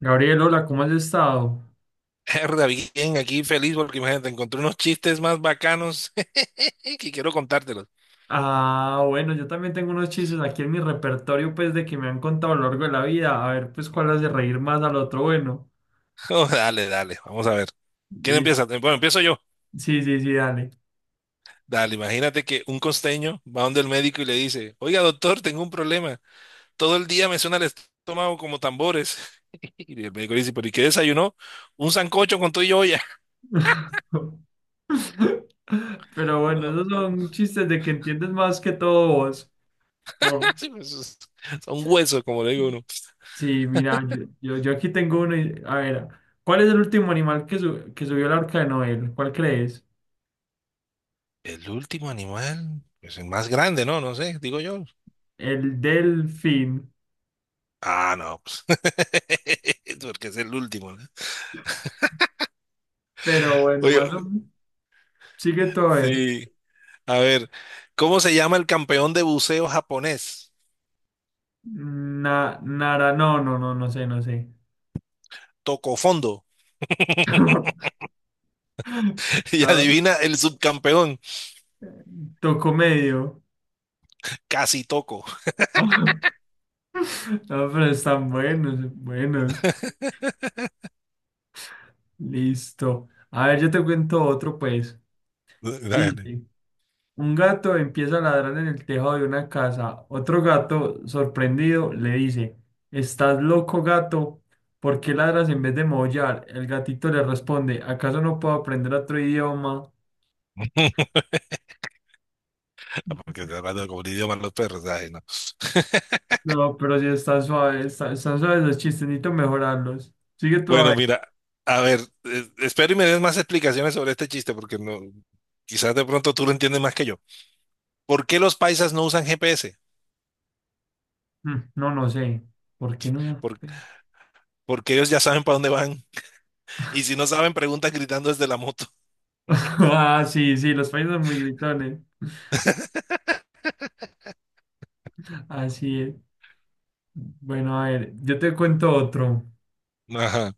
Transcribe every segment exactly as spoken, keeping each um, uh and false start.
Gabriel, hola, ¿cómo has estado? Herda, bien, aquí feliz porque imagínate, encontré unos chistes más bacanos que quiero contártelos. Ah, bueno, yo también tengo unos chistes aquí en mi repertorio, pues, de que me han contado a lo largo de la vida. A ver, pues, cuál hace reír más al otro. Bueno, Oh, dale, dale, vamos a ver. ¿Quién y- sí, empieza? Bueno, empiezo yo. sí, sí, dale. Dale, imagínate que un costeño va donde el médico y le dice, oiga, doctor, tengo un problema. Todo el día me suena el estómago como tambores. Y el médico le dice, ¿pero y qué desayunó? Un sancocho con todo y olla. Pero bueno, No, esos no, son chistes de que entiendes más que todo vos. Por- sí, pues, es- son huesos, como le digo uno. Sí, mira, yo, yo, yo aquí tengo uno. y- A ver, ¿cuál es el último animal que, su- que subió al arca de Noé? ¿Cuál crees? El último animal, pues el más grande, ¿no? No sé, digo yo. El delfín. Ah, no, pues. Porque es el último, ¿no? Pero bueno, Oye, más o menos, sigue todo a ver. sí. A ver, ¿cómo se llama el campeón de buceo japonés? Na, Nara, no, no, no, no sé, no sé. Toco fondo. Y No, adivina el subcampeón, toco medio. casi toco. No, pero están buenos, buenos. Listo. A ver, yo te cuento otro, pues. Dale. Dice, un gato empieza a ladrar en el tejado de una casa. Otro gato, sorprendido, le dice, ¿estás loco, gato? ¿Por qué ladras en vez de maullar? El gatito le responde, ¿acaso no puedo aprender otro idioma? Porque está hablando como el idioma de los perros. Ay, no. No, pero si está suave, está, están suaves los chistes, necesito mejorarlos. Sigue tú a Bueno, ver. mira, a ver, eh, espero y me des más explicaciones sobre este chiste, porque no, quizás de pronto tú lo entiendes más que yo. ¿Por qué los paisas no usan G P S? Mm, no, no sé. ¿Por qué no? da- Por- ¿Pena? Porque ellos ya saben para dónde van. Y si no saben, preguntan gritando desde la moto. Ah, sí, sí, los países son muy gritones. Así es. Bueno, a ver, yo te cuento otro. Ajá.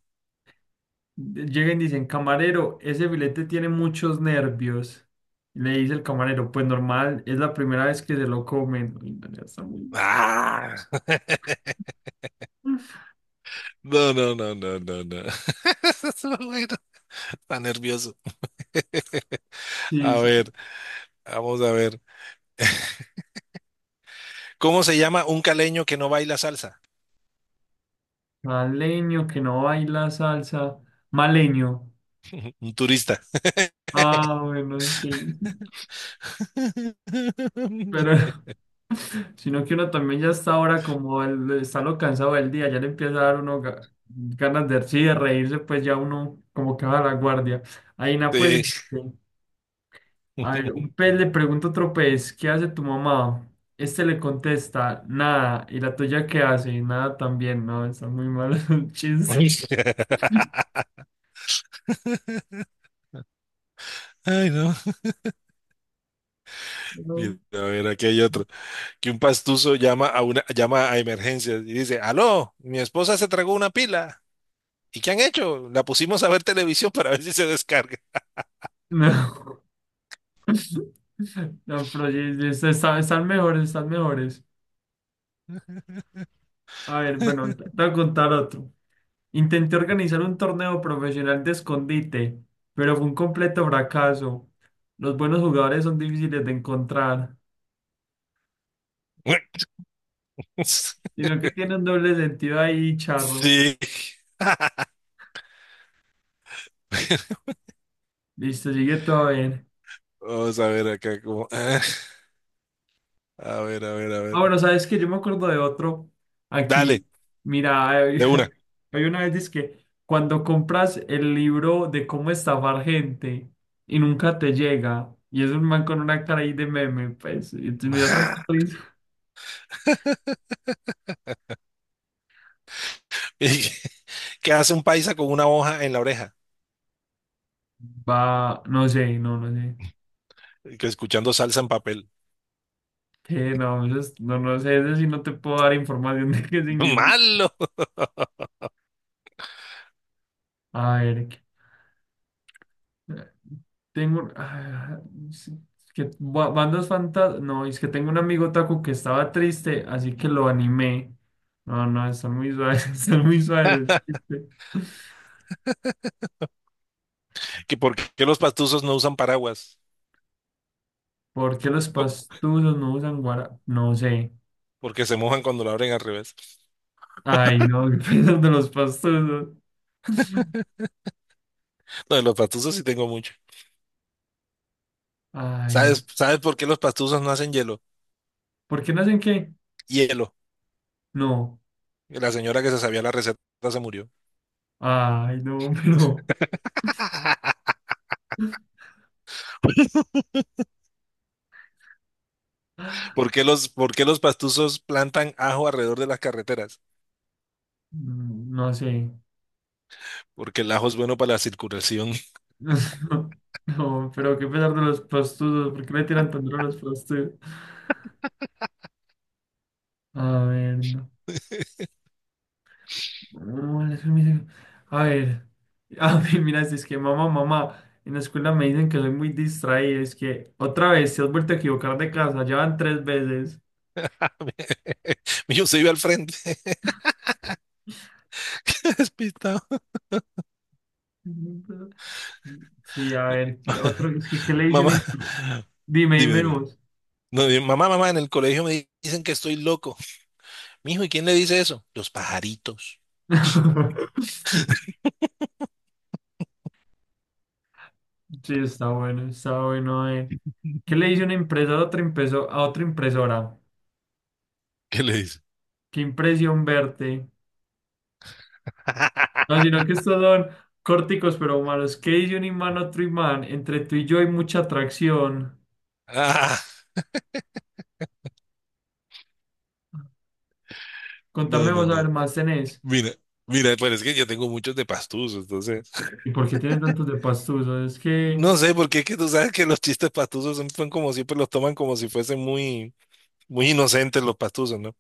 Llegan y dicen, camarero, ese filete tiene muchos nervios. Y le dice el camarero, pues normal, es la primera vez que se lo comen. Uy, no, ya está muy- Ah. No, no, no, no, no, no. Estuvo bueno. Está nervioso. A Sí, sí. ver, vamos a ver. ¿Cómo se llama un caleño que no baila salsa? Maleño, que no baila salsa. Maleño. Un turista. Ah, bueno, sí. Pero sino que uno también ya está ahora como el, está lo cansado del día, ya le empieza a dar uno ga- ganas de, sí, de reírse, pues ya uno como que va a la guardia. Aina, pues, Sí. este, a ver, un pez le pregunta a otro pez, ¿qué hace tu mamá? Este le contesta, nada, ¿y la tuya qué hace? Nada también, no, está muy mal el chiste. Ay, no. Mira, No. a ver, aquí hay otro. Que un pastuso llama a una, llama a emergencias y dice, aló, mi esposa se tragó una pila. ¿Y qué han hecho? La pusimos a ver televisión para ver si se descarga. No. No, pero sí, sí, están, están mejores, están mejores. A ver, bueno, te voy a contar otro. Intenté organizar un torneo profesional de escondite, pero fue un completo fracaso. Los buenos jugadores son difíciles de encontrar, sino que tiene un doble sentido ahí, charro. Sí. Listo, sigue tú a ver. Vamos a ver acá cómo. Ah, a ver, a ver, a Ah, ver. bueno, sabes que yo me acuerdo de otro. Dale, Aquí, mira, hay de una. hay una vez dice que cuando compras el libro de cómo estafar gente y nunca te llega, y es un man con una cara ahí de meme, pues, y entonces me dio tanta risa. ¿Qué hace un paisa con una hoja en la oreja? Va, no sé, no, no sé. Que escuchando salsa en papel. ¿Qué? No, eso es- no, no sé, eso sí no te puedo dar información de qué significa. Malo. A ver, ¿qué? tengo, ah, sí, que ba- bandas fantasmas, no, es que tengo un amigo taco que estaba triste, así que lo animé. No, no, están muy suaves, están muy suaves el chiste. ¿Que por qué los pastuzos no usan paraguas? ¿Por qué los Por- pastusos no usan guara? No sé. Porque se mojan cuando lo abren al revés. Ay, no, qué piensas de los pastusos. No, de los pastuzos sí tengo mucho. Ay, ¿Sabes, sabes por qué los pastuzos no hacen hielo? ¿por qué no hacen qué? Hielo. No. La señora que se sabía la receta se murió. Ay, no, pero. ¿Por qué los, ¿por qué los pastusos plantan ajo alrededor de las carreteras? Mm, no sé. Porque el ajo es bueno para la circulación. No, pero qué pesar de los prostudos. ¿Por qué le tiran tan duro a los prostudos? A ver, no. No, eso me dice- A ver. A mí, mira, si es que mamá, mamá. En la escuela me dicen que soy muy distraído. Es que otra vez te has vuelto a equivocar de casa. Ya van tres veces. Yo se iba al frente, despistado. Sí, a ver, ¿qué otro? Es que, ¿qué le dicen? Mamá, en- Dime, dime, dime dime. vos. No, dime, mamá, mamá, en el colegio me dicen que estoy loco. Mijo, ¿y quién le dice eso? Los pajaritos. Sí, está bueno, está bueno. Eh. ¿Qué le dice una empresa a otra, impreso- a otra impresora? ¿Qué le dice? Qué impresión verte. No, sino que estos son córticos pero humanos. ¿Qué dice un imán a otro imán? Entre tú y yo hay mucha atracción. Ah, Contame, no, no, vamos a ver no. más tenés. Mira, mira, pues es que yo tengo muchos de pastuzos, entonces. ¿Y por qué tienes tantos de pastuso? Es que... No sé, porque es que tú sabes que los chistes pastuzos son son como siempre los toman como si fuesen muy, muy inocentes los pastuzos, ¿no?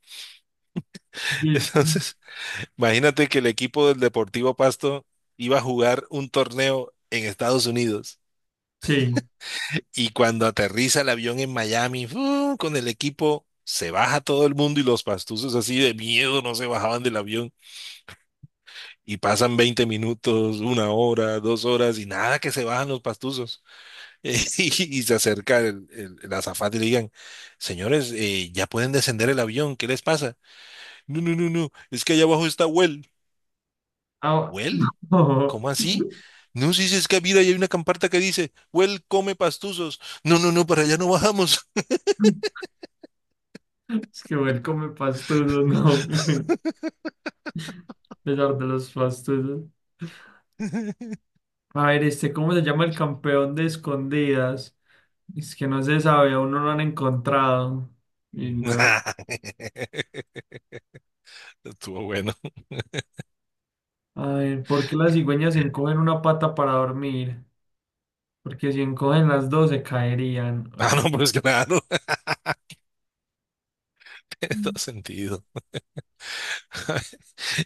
dis- Entonces, imagínate que el equipo del Deportivo Pasto iba a jugar un torneo en Estados Unidos Sí. y cuando aterriza el avión en Miami, ¡fu! Con el equipo se baja todo el mundo y los pastusos así de miedo no se bajaban del avión y pasan veinte minutos, una hora, dos horas y nada que se bajan los pastusos. Eh, y, y se acerca el, el, el azafate y le digan, señores, eh, ya pueden descender el avión, ¿qué les pasa? No, no, no, no, es que allá abajo está Well. Ah, ¿Well? no. ¿Cómo así? No, si es que mira, ahí hay una camparta que dice, Well, come pastuzos. No, no, no, para allá no bajamos. Es que él come pastuso, no. A pesar de los pastusos. A ver, este, ¿cómo se llama el campeón de escondidas? Es que no se sabe, aún no lo han encontrado. Y no. Estuvo bueno. A ver, ¿por qué las cigüeñas encogen una pata para dormir? Porque si encogen las dos se caerían. Ah, Ay, no, pues claro, todo sentido.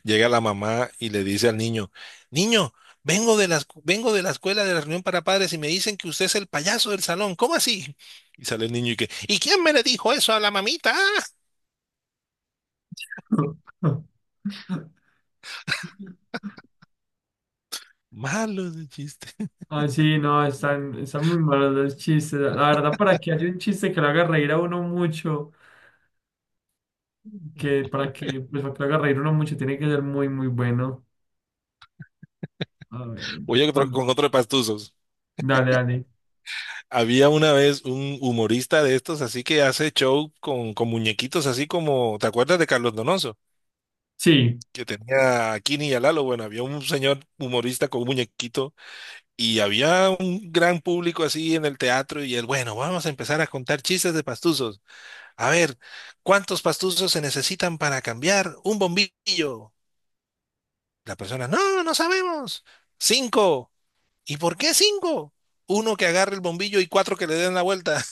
Llega la mamá y le dice al niño, niño, vengo de la, escu- vengo de la escuela de la reunión para padres y me dicen que usted es el payaso del salón. ¿Cómo así? Y sale el niño y que, ¿y quién me le dijo eso a la mamita? no. Malo de chiste. Ah, sí, no, están, están muy malos los chistes. La verdad, para que haya un chiste que lo haga reír a uno mucho, que para que, pues, para que lo haga reír uno mucho, tiene que ser muy, muy bueno. A ver, Oye, con- con otro de pastuzos. dale, dale. Había una vez un humorista de estos, así que hace show con, con muñequitos, así como, ¿te acuerdas de Carlos Donoso? Sí. Que tenía a Kini y a Lalo. Bueno, había un señor humorista con un muñequito y había un gran público así en el teatro y él, bueno, vamos a empezar a contar chistes de pastuzos. A ver, ¿cuántos pastuzos se necesitan para cambiar un bombillo? La persona, no, no sabemos. Cinco. ¿Y por qué cinco? Uno que agarre el bombillo y cuatro que le den la vuelta.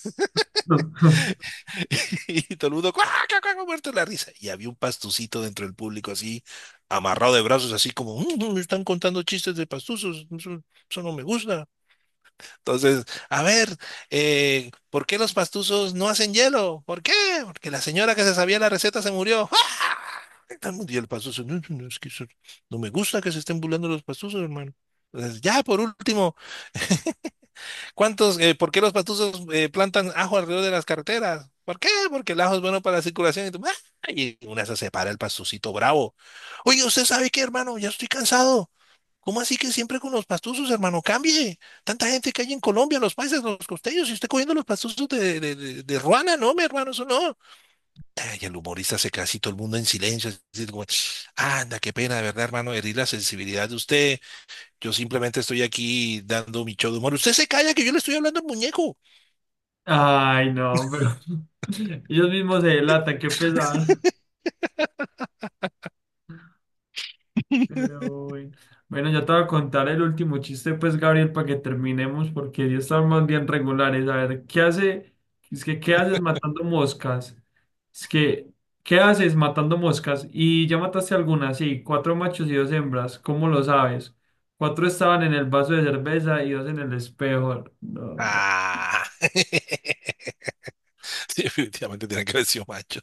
Y todo el mundo, ¡cuac, cuac, cuac! Muerto de la risa. Y había un pastucito dentro del público así, amarrado de brazos, así como, "Mm, mm, me están contando chistes de pastuzos, eso, eso no me gusta. Entonces, a ver, eh, ¿por qué los pastuzos no hacen hielo? ¿Por qué? Porque la señora que se sabía la receta se murió. ¡Ah! Todo el mundo, y el pastuzo, no, no, no, es que eso- no me gusta que se estén burlando los pastuzos, hermano. Entonces, ya, por último, ¿cuántos, eh, por qué los patuzos eh, plantan ajo alrededor de las carreteras? ¿Por qué? Porque el ajo es bueno para la circulación. Y, tú, ¡ah! Y una se separa el pastucito bravo. Oye, ¿usted sabe qué, hermano? Ya estoy cansado. ¿Cómo así que siempre con los pastuzos, hermano? Cambie. Tanta gente que hay en Colombia, los paisas, los costeños, y usted cogiendo los pastuzos de, de, de, de Ruana, no, mi hermano, eso no. Ay, el humorista se casi todo el mundo en silencio. Así como, anda, qué pena, de verdad, hermano, herir la sensibilidad de usted. Yo simplemente estoy aquí dando mi show de humor. Usted se calla que yo le estoy hablando al muñeco. Ay, no, pero ellos mismos se delatan, qué pesar. Pero bueno. Bueno, ya te voy a contar el último chiste, pues, Gabriel, para que terminemos, porque ya estamos bien regulares. A ver, ¿qué hace? Es que, ¿qué haces matando moscas? Es que, ¿qué haces matando moscas? Y ya mataste algunas, sí, cuatro machos y dos hembras, ¿cómo lo sabes? Cuatro estaban en el vaso de cerveza y dos en el espejo. No, ya. Ah, definitivamente tiene que haber sido macho.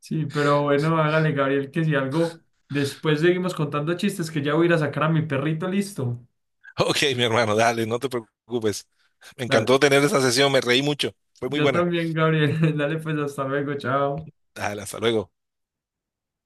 Sí, pero bueno, hágale, Gabriel, que si algo, después seguimos contando chistes, que ya voy a ir a sacar a mi perrito, listo. Ok, mi hermano, dale, no te preocupes. Me encantó Dale. tener esa sesión, me reí mucho. Fue muy Yo buena. también, Gabriel. Dale, pues hasta luego, chao. Dale, hasta luego.